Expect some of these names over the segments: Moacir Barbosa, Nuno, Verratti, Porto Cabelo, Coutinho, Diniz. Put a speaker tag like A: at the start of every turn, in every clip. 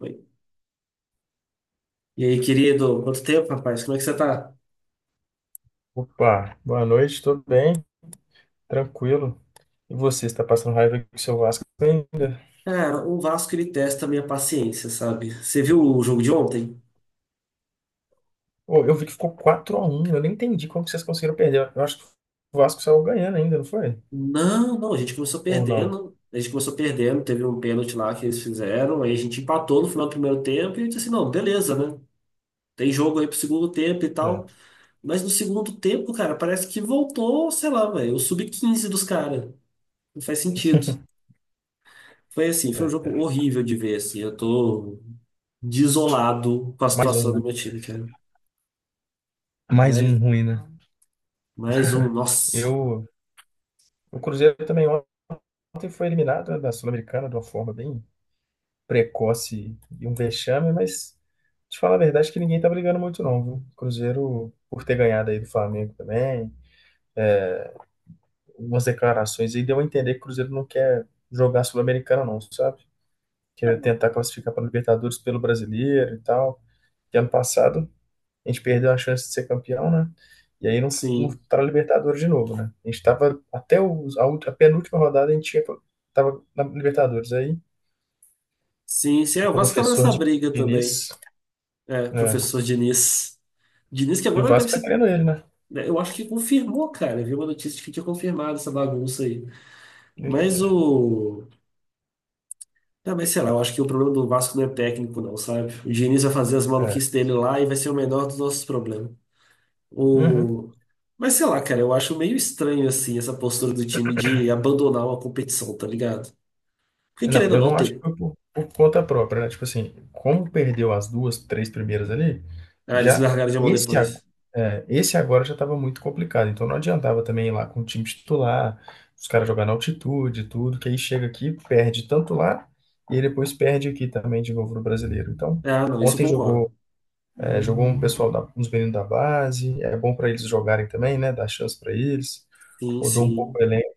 A: Oi. E aí, querido, quanto tempo, rapaz? Como é que você tá?
B: Opa, boa noite, tudo bem? Tranquilo. E você, está passando raiva com o seu Vasco ainda?
A: Cara, o Vasco ele testa a minha paciência, sabe? Você viu o jogo de ontem?
B: Ô, eu vi que ficou quatro a um. Eu nem entendi como que vocês conseguiram perder. Eu acho que o Vasco saiu ganhando ainda, não foi?
A: Não, não, a gente começou
B: Ou não?
A: perdendo. A gente começou perdendo, teve um pênalti lá que eles fizeram, aí a gente empatou no final do primeiro tempo e eu disse assim, não, beleza, né? Tem jogo aí pro segundo tempo e
B: É,
A: tal. Mas no segundo tempo, cara, parece que voltou, sei lá, velho, o sub-15 dos caras. Não faz sentido. Foi assim, foi um
B: é.
A: jogo
B: é.
A: horrível de ver, assim. Eu tô desolado com a
B: Mais um,
A: situação
B: né?
A: do meu time, cara.
B: Mais um
A: Mas
B: ruim, né?
A: Mais um, nossa.
B: Eu, o Cruzeiro também ontem foi eliminado, né, da Sul-Americana de uma forma bem precoce e um vexame, mas te falar a verdade que ninguém tá brigando muito não, viu? O Cruzeiro, por ter ganhado aí do Flamengo também, umas declarações aí deu a entender que o Cruzeiro não quer jogar Sul-Americana, não, sabe? Quer tentar classificar para Libertadores pelo Brasileiro e tal. E ano passado a gente perdeu a chance de ser campeão, né? E aí não, não
A: Sim.
B: tá na Libertadores de novo, né? A gente tava até a penúltima rodada a gente tinha, tava na Libertadores. Aí
A: Sim, sim. É,
B: o
A: o Vasco tava
B: professor
A: nessa
B: de
A: briga também.
B: Diniz,
A: É,
B: né?
A: professor Diniz. Diniz que
B: E o
A: agora deve
B: Vasco tá
A: ser.
B: querendo ele, né?
A: Né, eu acho que confirmou, cara. Eu vi uma notícia de que tinha confirmado essa bagunça aí. Mas
B: Eita.
A: o. Ah, mas sei lá, eu acho que o problema do Vasco não é técnico, não, sabe? O Diniz vai fazer as
B: É.
A: maluquices dele lá e vai ser o menor dos nossos problemas.
B: Uhum.
A: O... Mas sei lá, cara, eu acho meio estranho, assim, essa postura do time de abandonar uma competição, tá ligado? Porque
B: Não,
A: querendo ou
B: eu
A: não
B: não acho que
A: ter.
B: foi por conta própria, né? Tipo assim, como perdeu as duas, três primeiras ali,
A: Ah, eles
B: já
A: largaram de mão
B: esse, ag-
A: depois.
B: é, esse agora já estava muito complicado. Então não adiantava também ir lá com o time titular, os caras jogar na altitude, e tudo, que aí chega aqui, perde tanto lá, e aí depois perde aqui também de novo no brasileiro. Então,
A: Ah, não, isso eu
B: ontem jogou,
A: concordo.
B: é, jogou um pessoal, da, uns meninos da base, é bom para eles jogarem também, né? Dar chance para eles,
A: Sim,
B: rodou um pouco
A: sim.
B: o elenco.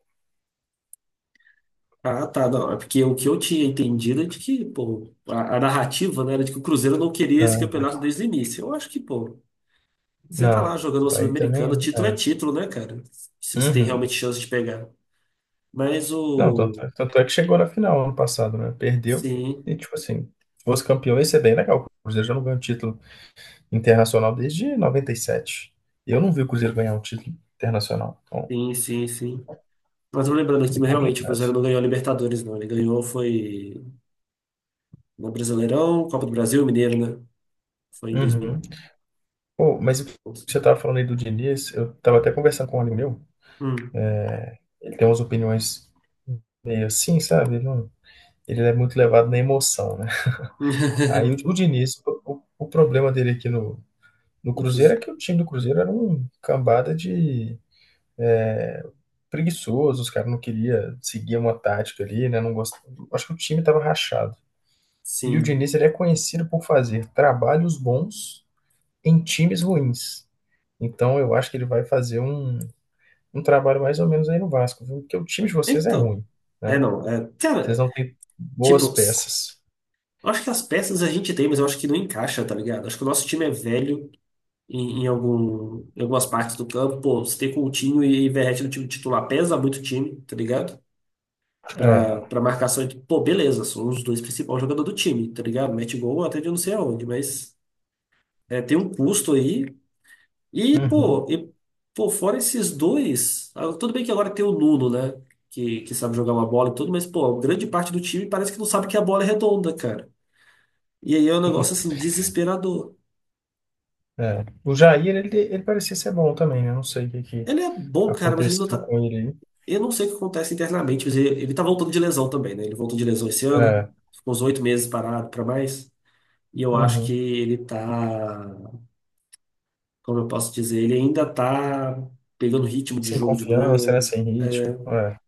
A: Ah, tá, não. É porque o que eu tinha entendido é de que, pô, a narrativa, né, era de que o Cruzeiro não queria esse
B: Não,
A: campeonato desde o início. Eu acho que, pô, você tá
B: não,
A: lá jogando uma
B: aí
A: Sul-Americana,
B: também.
A: título é título, né, cara? Se você tem
B: Uhum.
A: realmente chance de pegar. Mas
B: Não, tanto,
A: o.
B: tanto é que chegou na final ano passado, né? Perdeu.
A: Sim,
B: E, tipo assim, se fosse campeão, ia ser bem legal. O Cruzeiro já não ganha um título internacional desde 97. E sete. E eu não vi o Cruzeiro ganhar um título internacional. Então,
A: sim, sim, sim. Mas eu lembrando
B: é
A: aqui, mas realmente o
B: complicado.
A: Cruzeiro não ganhou a Libertadores, não. Ele ganhou foi no Brasileirão, Copa do Brasil e Mineiro, né? Foi em
B: Uhum.
A: 2011.
B: Pô, mas o que você tava falando aí do Diniz, eu tava até conversando com um amigo meu.
A: Hum.
B: Ele tem umas opiniões meio assim, sabe? Ele, não- ele é muito levado na emoção, né? Aí o Diniz, o problema dele aqui no
A: No
B: Cruzeiro é
A: Cruzeiro.
B: que o time do Cruzeiro era um cambada de É, preguiçoso, os caras não queriam seguir uma tática ali, né? Não gost... Acho que o time estava rachado. E o
A: Sim.
B: Diniz ele é conhecido por fazer trabalhos bons em times ruins. Então eu acho que ele vai fazer um, um trabalho mais ou menos aí no Vasco, viu? Porque o time de vocês é
A: Então.
B: ruim,
A: É,
B: né?
A: não. É,
B: Vocês
A: cara,
B: não têm boas
A: tipo,
B: peças.
A: eu acho que as peças a gente tem, mas eu acho que não encaixa, tá ligado? Acho que o nosso time é velho em algumas partes do campo. Pô, você tem Coutinho e Verratti no time titular, pesa muito o time, tá ligado? Pra,
B: É.
A: pra marcação. Pô, beleza, são os dois principais jogadores do time, tá ligado? Mete gol até de não sei aonde, mas é, tem um custo aí. E,
B: Uhum.
A: pô, e, pô, fora esses dois, ah, tudo bem que agora tem o Nuno, né? Que sabe jogar uma bola e tudo, mas, pô, grande parte do time parece que não sabe que a bola é redonda, cara. E aí é um negócio assim desesperador.
B: É. O Jair, ele parecia ser bom também, né? Não sei o que, que
A: Ele é bom, cara, mas ele não
B: aconteceu
A: tá.
B: com ele
A: Eu não sei o que acontece internamente, mas ele tá voltando de lesão também, né? Ele voltou de lesão esse
B: aí.
A: ano,
B: É.
A: ficou uns 8 meses parado pra mais. E eu acho que
B: Uhum.
A: ele tá, como eu posso dizer, ele ainda tá pegando ritmo de
B: Sem
A: jogo de
B: confiança, né?
A: novo.
B: Sem
A: É,
B: ritmo. É.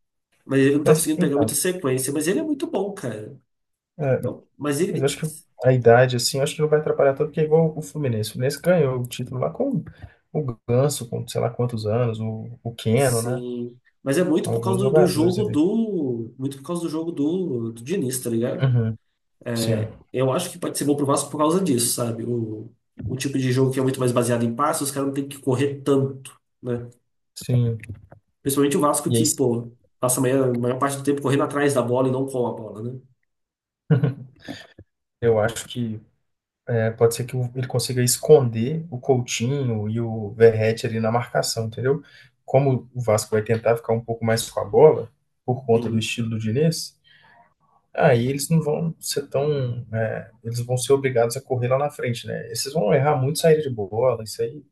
A: Mas ele não tá
B: Mas
A: conseguindo pegar muita
B: então,
A: sequência, mas ele é muito bom, cara.
B: é,
A: Mas
B: mas
A: ele.
B: acho que a idade, assim, acho que não vai atrapalhar tanto, porque é igual o Fluminense. O Fluminense ganhou o título lá com o Ganso, com sei lá quantos anos, o Keno, né?
A: Sim. Mas é muito por causa
B: Alguns
A: do
B: jogadores
A: jogo
B: ali.
A: do. Muito por causa do jogo do Diniz, tá ligado?
B: Uhum, sim,
A: É, eu acho que pode ser bom pro Vasco por causa disso, sabe? O tipo de jogo que é muito mais baseado em passes, os caras não têm que correr tanto, né?
B: sim.
A: Principalmente o Vasco
B: E aí,
A: que,
B: sim,
A: pô, passa a maior parte do tempo correndo atrás da bola e não com a bola, né?
B: eu acho que é, pode ser que o- ele consiga esconder o Coutinho e o Verratti ali na marcação, entendeu? Como o Vasco vai tentar ficar um pouco mais com a bola, por conta do
A: Sim.
B: estilo do Diniz, aí eles não vão ser tão. É, eles vão ser obrigados a correr lá na frente, né? Esses vão errar muito saída de bola, isso aí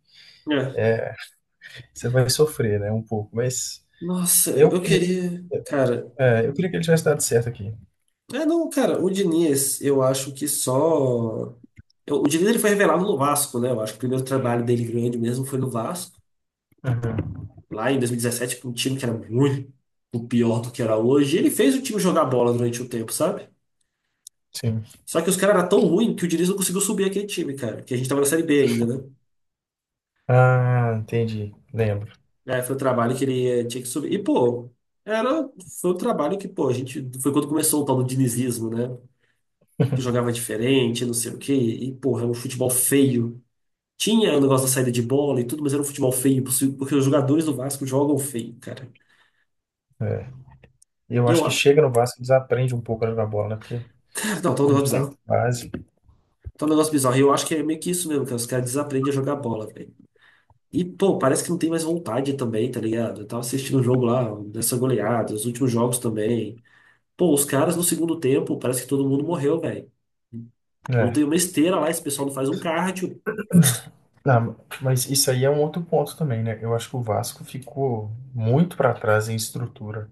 A: É.
B: você vai sofrer, né? Um pouco. Mas
A: Nossa, eu,
B: eu
A: eu
B: queria,
A: queria. Cara.
B: é, eu queria que ele tivesse dado certo aqui.
A: É, não, cara, o Diniz, eu acho que só. O Diniz ele foi revelado no Vasco, né? Eu acho que o primeiro trabalho dele grande mesmo foi no Vasco,
B: Uhum,
A: lá em 2017, com um time que era muito pior do que era hoje. E ele fez o time jogar bola durante o tempo, sabe?
B: sim.
A: Só que os caras eram tão ruins que o Diniz não conseguiu subir aquele time, cara. Que a gente tava na Série B ainda, né?
B: Ah, entendi. Lembro.
A: Aí foi um trabalho que ele tinha que subir. E, pô, era, foi um trabalho que, pô, a gente. Foi quando começou o tal do dinizismo, né? Que jogava diferente, não sei o quê. E, porra, era um futebol feio. Tinha o negócio da saída de bola e tudo, mas era um futebol feio, porque os jogadores do Vasco jogam feio, cara.
B: É. E eu
A: E eu
B: acho que
A: acho.
B: chega no Vasco e desaprende um pouco a jogar bola, né? Porque
A: Cara, não, tá um
B: não
A: negócio
B: tem
A: bizarro.
B: base.
A: Tá um negócio bizarro. E eu acho que é meio que isso mesmo, cara. Os caras desaprendem a jogar bola, velho. E, pô, parece que não tem mais vontade também, tá ligado? Eu tava assistindo o jogo lá, dessa goleada, os últimos jogos também. Pô, os caras no segundo tempo, parece que todo mundo morreu, velho. Não tem
B: É.
A: uma esteira lá, esse pessoal não faz um cardio.
B: Não, mas isso aí é um outro ponto também, né? Eu acho que o Vasco ficou muito para trás em estrutura.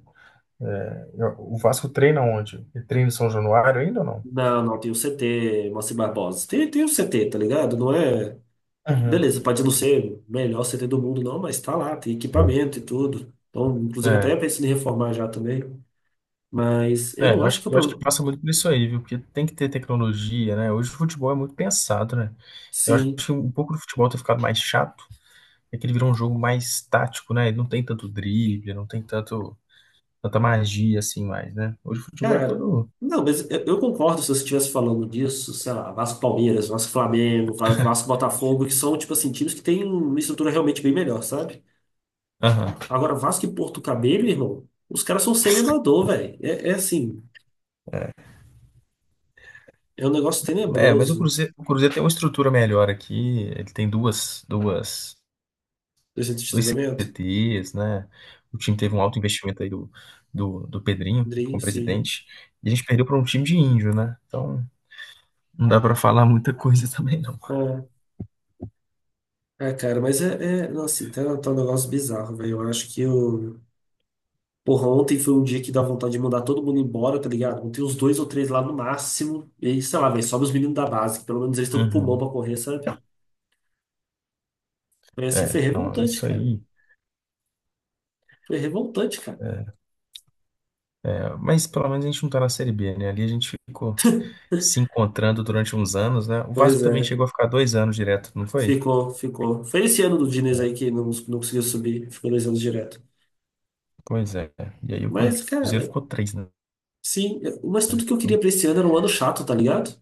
B: É, o Vasco treina onde? Ele treina em São Januário ainda ou não?
A: Não, não, tem o CT, Moacir Barbosa. Tem o CT, tá ligado? Não é.
B: Uhum.
A: Beleza, pode não ser o melhor CT do mundo, não, mas tá lá, tem equipamento e tudo. Então, inclusive, até
B: É,
A: pensando em reformar já também. Mas eu
B: é,
A: não
B: eu
A: acho
B: acho,
A: que o
B: eu acho que
A: problema.
B: passa muito por isso aí, viu? Porque tem que ter tecnologia, né? Hoje o futebol é muito pensado, né? Eu acho
A: Sim,
B: que um pouco do futebol ter ficado mais chato é que ele virou um jogo mais tático, né? Ele não tem tanto drible, não tem tanto, tanta magia assim mais, né? Hoje o futebol é
A: cara,
B: todo.
A: não, mas eu concordo se você estivesse falando disso, sei lá, Vasco Palmeiras, Vasco Flamengo, Vasco Botafogo, que são, tipo assim, times que têm uma estrutura realmente bem melhor, sabe?
B: Aham.
A: Agora, Vasco e Porto Cabelo, irmão, os caras são semi-amador, velho. É assim, é um negócio
B: É, mas
A: tenebroso.
B: O Cruzeiro tem uma estrutura melhor aqui. Ele tem duas
A: Do centro de
B: dois
A: treinamento?
B: CTs, né? O time teve um alto investimento aí do Pedrinho
A: Dream,
B: como
A: sim.
B: presidente. E a gente perdeu para um time de índio, né? Então não dá para falar muita coisa também, não.
A: É, cara, mas é não, assim, tá um negócio bizarro, velho. Eu acho que o. Porra, ontem foi um dia que dá vontade de mandar todo mundo embora, tá ligado? Tem uns dois ou três lá no máximo. E aí, sei lá, velho, sobe os meninos da base, que pelo menos eles estão com pulmão
B: Uhum.
A: pra correr, sabe? Foi assim, foi
B: É, não,
A: revoltante,
B: isso
A: cara.
B: aí.
A: Foi revoltante, cara.
B: É, mas pelo menos a gente não tá na Série B, né? Ali a gente ficou se encontrando durante uns anos, né? O Vasco
A: Pois
B: também
A: é,
B: chegou a ficar dois anos direto, não foi?
A: ficou, ficou. Foi esse ano do Diniz aí que não conseguiu subir, ficou 2 anos direto.
B: Pois é. E aí o
A: Mas,
B: Cruzeiro
A: cara,
B: ficou três, né?
A: sim, mas tudo que eu
B: Então,
A: queria pra esse ano era um ano chato, tá ligado?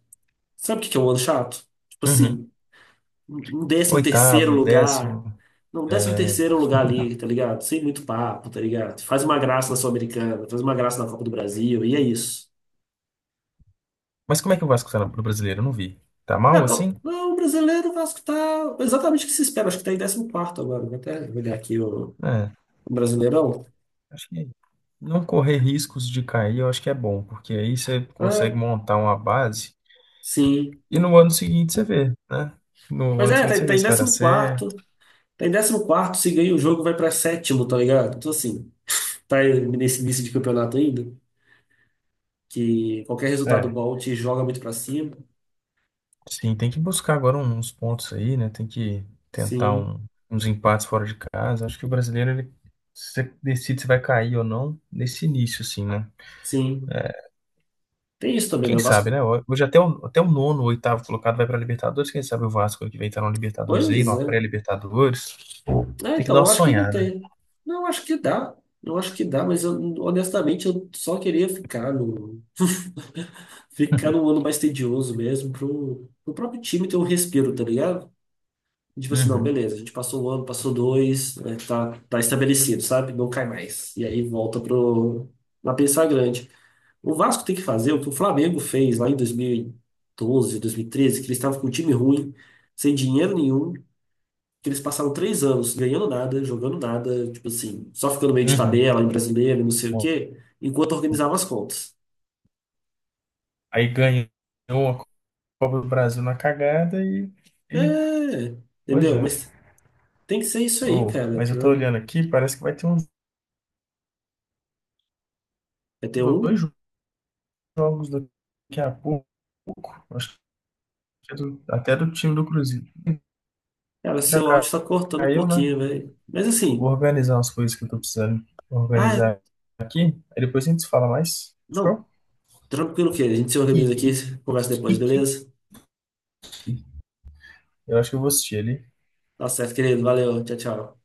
A: Sabe o que que é um ano chato? Tipo
B: uhum.
A: assim, um 13º
B: Oitavo,
A: lugar.
B: décimo.
A: Não, um décimo
B: É.
A: terceiro lugar ali, tá ligado? Sem muito papo, tá ligado? Faz uma graça na Sul-Americana, faz uma graça na Copa do Brasil, e é isso.
B: Mas como é que o Vasco tá no brasileiro? Eu não vi. Tá mal
A: Cara, o
B: assim?
A: não, o brasileiro, o Vasco tá exatamente o que se espera, acho que tá em 14º agora. Vou até olhar aqui o,
B: É,
A: o Brasileirão.
B: acho que não correr riscos de cair, eu acho que é bom, porque aí você consegue
A: É,
B: montar uma base
A: sim.
B: e no ano seguinte você vê, né? No
A: Mas
B: ano
A: é,
B: seguinte
A: tá,
B: você
A: tá
B: vê
A: em
B: se vai dar
A: décimo
B: certo.
A: quarto. Tá em décimo quarto, se ganha o jogo, vai pra sétimo, tá ligado? Então, assim, tá aí nesse início de campeonato ainda, que qualquer resultado
B: É.
A: bom te joga muito pra cima.
B: Sim, tem que buscar agora uns pontos aí, né? Tem que tentar
A: Sim.
B: um- uns empates fora de casa. Acho que o brasileiro, ele se você decide se vai cair ou não nesse início, assim, né?
A: Sim. Tem isso
B: E
A: também, né?
B: quem
A: O
B: sabe,
A: Vasco.
B: né? Hoje até até o nono, o oitavo colocado vai para Libertadores. Quem sabe o Vasco que vem estar na Libertadores aí,
A: Pois
B: numa
A: é.
B: pré-Libertadores.
A: Ah,
B: Tem que
A: então,
B: dar uma
A: eu acho que ainda
B: sonhada.
A: tem. Não, eu acho que dá. Eu acho que dá, mas eu, honestamente eu só queria ficar no, ficar num ano mais tedioso mesmo, pro próprio time ter um respiro, tá ligado? Tipo assim, não,
B: Uhum,
A: beleza, a gente passou um ano, passou dois, né, tá estabelecido, sabe? Não cai mais. E aí volta pro, na pensar grande. O Vasco tem que fazer o que o Flamengo fez lá em 2012, 13 que eles estavam com um time ruim, sem dinheiro nenhum. Que eles passaram 3 anos ganhando nada, jogando nada, tipo assim, só ficando meio de
B: uhum.
A: tabela em brasileiro, e não sei o
B: Bom,
A: quê, enquanto organizavam as contas.
B: aí ganhou a Copa do Brasil na cagada e-
A: É,
B: pois
A: entendeu?
B: é.
A: Mas tem que ser isso aí,
B: Oh,
A: cara.
B: mas
A: Pra...
B: eu tô olhando aqui, parece que vai ter uns
A: Vai ter um.
B: dois jogos daqui a pouco. Acho que até do time do Cruzeiro.
A: Cara,
B: Já
A: seu áudio tá cortando um
B: caiu, né?
A: pouquinho, velho. Mas
B: Vou
A: assim,
B: organizar umas coisas que eu tô precisando
A: ah,
B: organizar aqui. Aí depois a gente se fala mais. Fechou?
A: não, tranquilo que a gente se
B: Que,
A: organiza aqui, conversa depois,
B: que.
A: beleza?
B: Eu acho que eu vou assistir ali.
A: Tá certo, querido. Valeu, tchau, tchau.